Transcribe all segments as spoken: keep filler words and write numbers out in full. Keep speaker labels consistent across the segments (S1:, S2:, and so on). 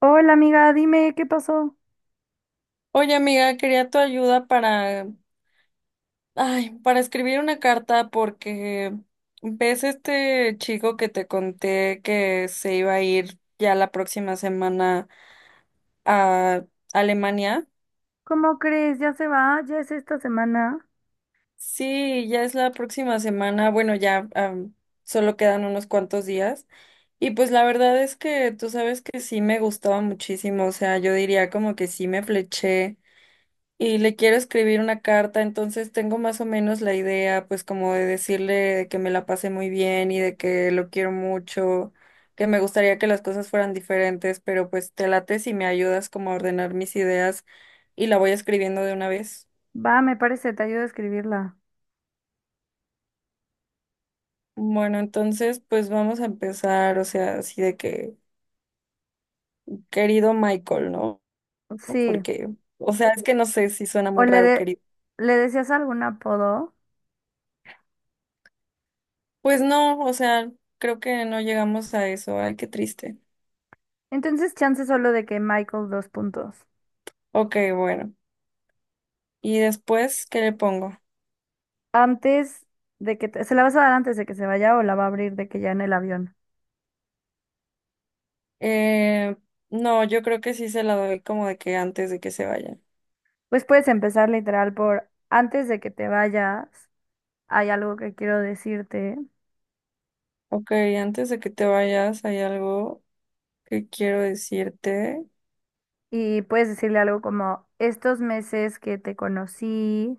S1: Hola amiga, dime, ¿qué pasó?
S2: Oye, amiga, quería tu ayuda para, ay, para escribir una carta porque ves este chico que te conté que se iba a ir ya la próxima semana a Alemania.
S1: ¿Cómo crees? ¿Ya se va? ¿Ya es esta semana?
S2: Sí, ya es la próxima semana. Bueno, ya am, solo quedan unos cuantos días. Y pues la verdad es que tú sabes que sí me gustaba muchísimo. O sea, yo diría como que sí me fleché y le quiero escribir una carta, entonces tengo más o menos la idea, pues como de decirle de que me la pasé muy bien y de que lo quiero mucho, que me gustaría que las cosas fueran diferentes, pero pues te late si me ayudas como a ordenar mis ideas y la voy escribiendo de una vez.
S1: Va, me parece, te ayudo a escribirla.
S2: Bueno, entonces pues vamos a empezar, o sea, así de que, querido Michael, ¿no?
S1: Sí,
S2: Porque, o sea, es que no sé si suena
S1: o
S2: muy
S1: le,
S2: raro,
S1: de-
S2: querido.
S1: le decías algún apodo.
S2: Pues no, o sea, creo que no llegamos a eso, ay, qué triste.
S1: Entonces, chance solo de que Michael dos puntos.
S2: Ok, bueno. Y después, ¿qué le pongo?
S1: Antes de que te- se la vas a dar antes de que se vaya o la va a abrir de que ya en el avión.
S2: Eh, no, yo creo que sí se la doy como de que antes de que se vayan.
S1: Pues puedes empezar literal por antes de que te vayas, hay algo que quiero decirte,
S2: Ok, antes de que te vayas, hay algo que quiero decirte.
S1: y puedes decirle algo como estos meses que te conocí.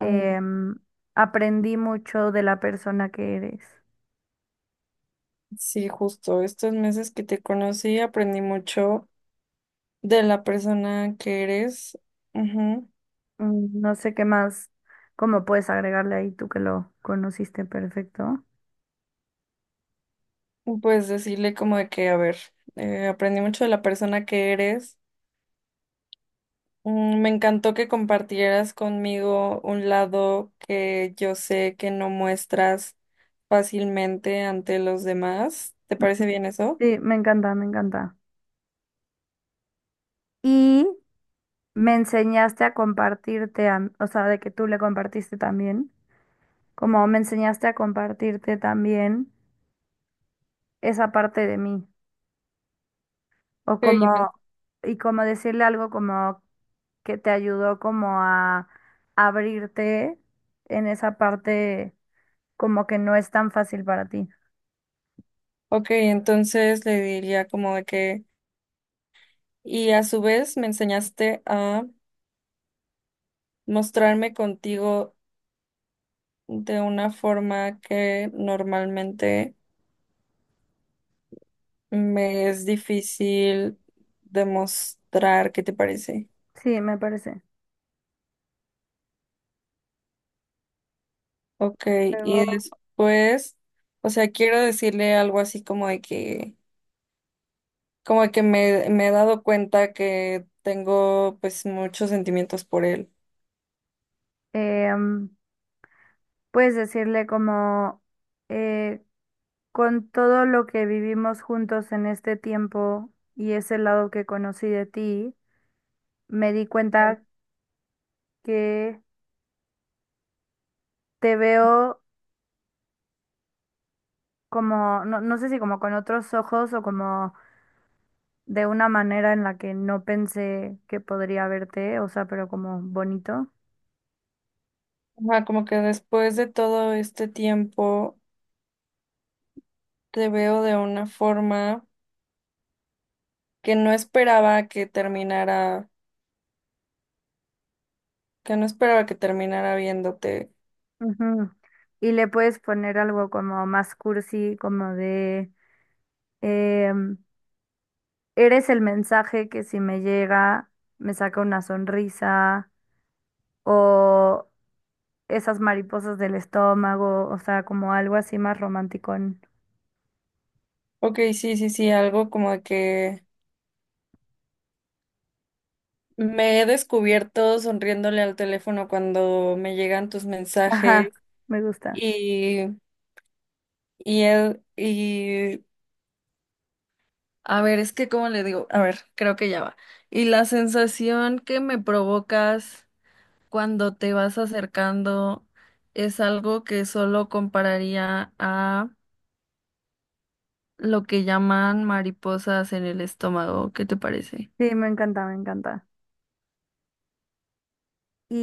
S2: Ah,
S1: Em, Aprendí mucho de la persona que eres.
S2: sí, justo, estos meses que te conocí aprendí mucho de la persona que eres. Ujú.
S1: Mm. No sé qué más, cómo puedes agregarle ahí tú que lo conociste perfecto.
S2: Pues decirle como de que, a ver, eh, aprendí mucho de la persona que eres. Mm, me encantó que compartieras conmigo un lado que yo sé que no muestras fácilmente ante los demás. ¿Te parece bien eso?
S1: Sí, me encanta, me encanta. Y me enseñaste a compartirte, a- o sea, de que tú le compartiste también, como me enseñaste a compartirte también esa parte de mí, o
S2: Sí, me-
S1: como, y como decirle algo como que te ayudó como a abrirte en esa parte como que no es tan fácil para ti.
S2: Ok, entonces le diría como de que, y a su vez me enseñaste a mostrarme contigo de una forma que normalmente me es difícil demostrar. ¿Qué te parece?
S1: Sí, me parece.
S2: Ok, y
S1: Luego,
S2: después, o sea, quiero decirle algo así como de que, como de que me, me he dado cuenta que tengo pues muchos sentimientos por él.
S1: em, puedes decirle como, eh, con todo lo que vivimos juntos en este tiempo y ese lado que conocí de ti, me di cuenta que te veo como, no, no sé si como con otros ojos o como de una manera en la que no pensé que podría verte, o sea, pero como bonito.
S2: Ajá, como que después de todo este tiempo te veo de una forma que no esperaba que terminara, que no esperaba que terminara viéndote.
S1: Ujú. Y le puedes poner algo como más cursi, como de Em, eres el mensaje que si me llega me saca una sonrisa o esas mariposas del estómago, o sea, como algo así más romántico.
S2: Ok, sí, sí, sí, algo como de que me he descubierto sonriéndole al teléfono cuando me llegan tus
S1: Ajá,
S2: mensajes.
S1: me gusta.
S2: Y él, y a ver, es que cómo le digo, a ver, creo que ya va. Y la sensación que me provocas cuando te vas acercando es algo que solo compararía a lo que llaman mariposas en el estómago. ¿Qué te parece?
S1: Sí, me encanta, me encanta.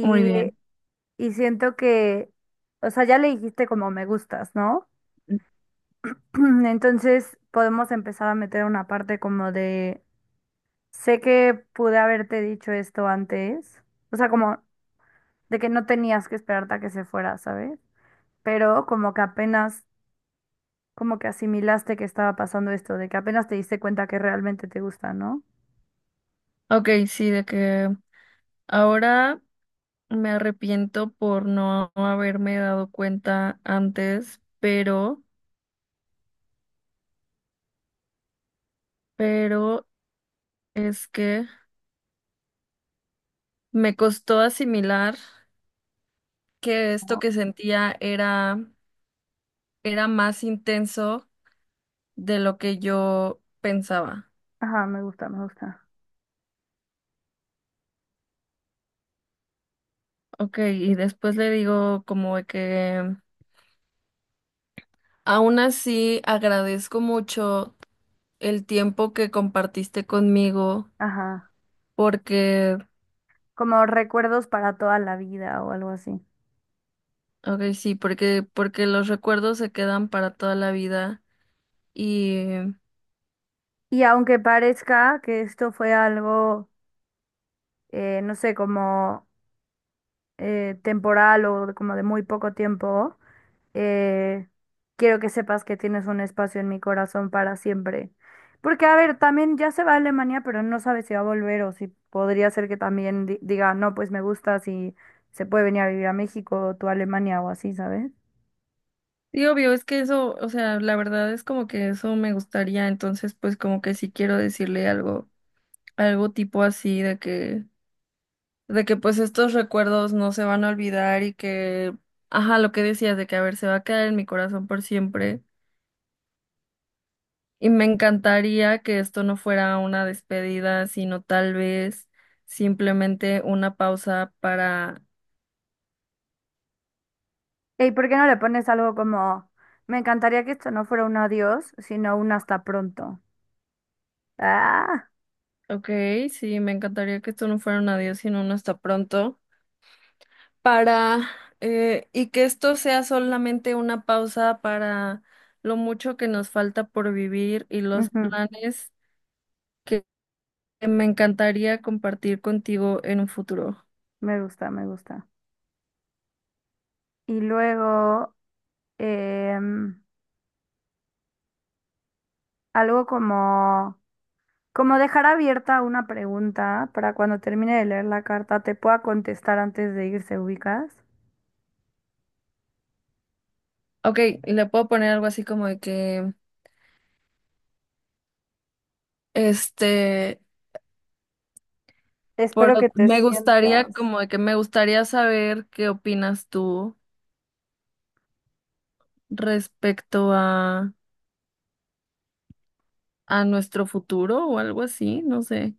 S2: Muy bien.
S1: y siento que, o sea, ya le dijiste como me gustas, ¿no? Entonces podemos empezar a meter una parte como de, sé que pude haberte dicho esto antes, o sea, como de que no tenías que esperarte a que se fuera, ¿sabes? Pero como que apenas, como que asimilaste que estaba pasando esto, de que apenas te diste cuenta que realmente te gusta, ¿no?
S2: Ok, sí, de que ahora me arrepiento por no haberme dado cuenta antes, pero, pero es que me costó asimilar. Que esto
S1: Como,
S2: que sentía era, era más intenso de lo que yo pensaba.
S1: ajá, me gusta, me gusta.
S2: Ok, y después le digo como de que aún así agradezco mucho el tiempo que compartiste conmigo
S1: Ajá.
S2: porque,
S1: Como recuerdos para toda la vida o algo así.
S2: ok, sí, porque, porque los recuerdos se quedan para toda la vida y...
S1: Y aunque parezca que esto fue algo, eh, no sé, como eh, temporal o de- como de muy poco tiempo, eh, quiero que sepas que tienes un espacio en mi corazón para siempre. Porque, a ver, también ya se va a Alemania, pero no sabe si va a volver o si podría ser que también di- diga, no, pues me gusta, si se puede venir a vivir a México o tú a Alemania o así, ¿sabes?
S2: Y obvio, es que eso, o sea, la verdad es como que eso me gustaría, entonces pues como que sí quiero decirle algo, algo tipo así de que de que pues estos recuerdos no se van a olvidar y que, ajá, lo que decías de que, a ver, se va a quedar en mi corazón por siempre. Y me encantaría que esto no fuera una despedida, sino tal vez simplemente una pausa para,
S1: ¿Y por qué no le pones algo como, me encantaría que esto no fuera un adiós, sino un hasta pronto? Ah,
S2: ok, sí, me encantaría que esto no fuera un adiós, sino un hasta pronto, para, eh, y que esto sea solamente una pausa para lo mucho que nos falta por vivir y los
S1: ujú,
S2: planes me encantaría compartir contigo en un futuro.
S1: me gusta, me gusta. Y luego, em, algo como... Como dejar abierta una pregunta para cuando termine de leer la carta te pueda contestar antes de irse, ubicas.
S2: Ok, le puedo poner algo así como de que, este, por,
S1: Espero que te
S2: me gustaría,
S1: sientas.
S2: como de que me gustaría saber qué opinas tú respecto a, a nuestro futuro o algo así, no sé.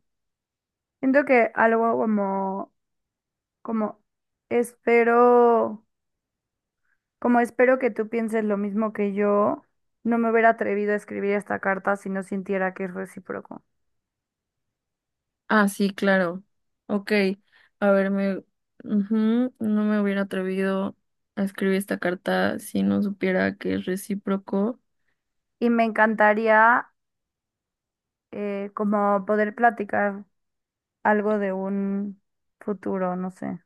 S1: Siento que algo como, como espero, como espero que tú pienses lo mismo que yo, no me hubiera atrevido a escribir esta carta si no sintiera que es recíproco.
S2: Ah, sí, claro. Ok, a ver, me, ujú, no me hubiera atrevido a escribir esta carta si no supiera que es recíproco.
S1: Y me encantaría eh, como poder platicar algo de un futuro, no sé.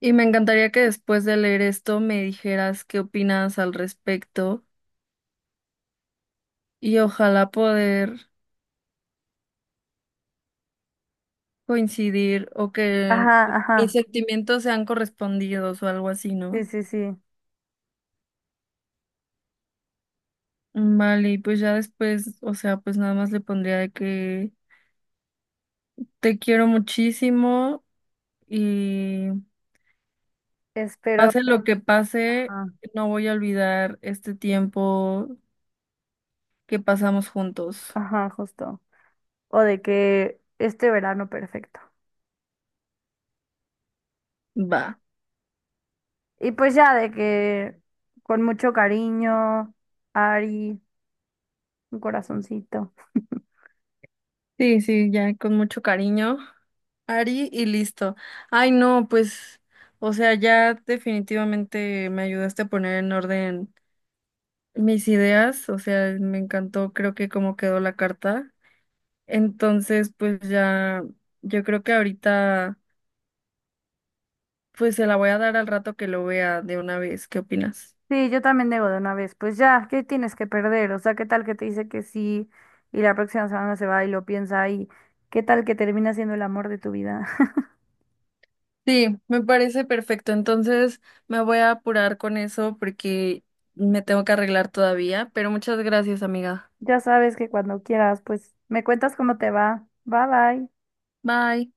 S2: Y me encantaría que después de leer esto me dijeras qué opinas al respecto y ojalá poder coincidir o que
S1: Ajá,
S2: mis
S1: ajá,
S2: sentimientos sean correspondidos o algo así,
S1: sí,
S2: ¿no?
S1: sí, sí.
S2: Vale, y pues ya después, o sea, pues nada más le pondría de que te quiero muchísimo y
S1: Espero,
S2: pase lo que pase,
S1: ajá.
S2: no voy a olvidar este tiempo que pasamos juntos.
S1: Ajá, justo. O de que este verano perfecto.
S2: Va.
S1: Y pues ya de que con mucho cariño, Ari, un corazoncito.
S2: Sí, sí, ya con mucho cariño. Ari y listo. Ay, no, pues, o sea, ya definitivamente me ayudaste a poner en orden mis ideas, o sea, me encantó, creo que cómo quedó la carta. Entonces, pues ya, yo creo que ahorita, pues se la voy a dar al rato que lo vea de una vez. ¿Qué opinas?
S1: Sí, yo también debo de una vez. Pues ya, ¿qué tienes que perder? O sea, ¿qué tal que te dice que sí y la próxima semana se va y lo piensa y qué tal que termina siendo el amor de tu vida?
S2: Sí, me parece perfecto. Entonces, me voy a apurar con eso porque me tengo que arreglar todavía, pero muchas gracias, amiga.
S1: Ya sabes que cuando quieras, pues me cuentas cómo te va. Bye bye.
S2: Bye.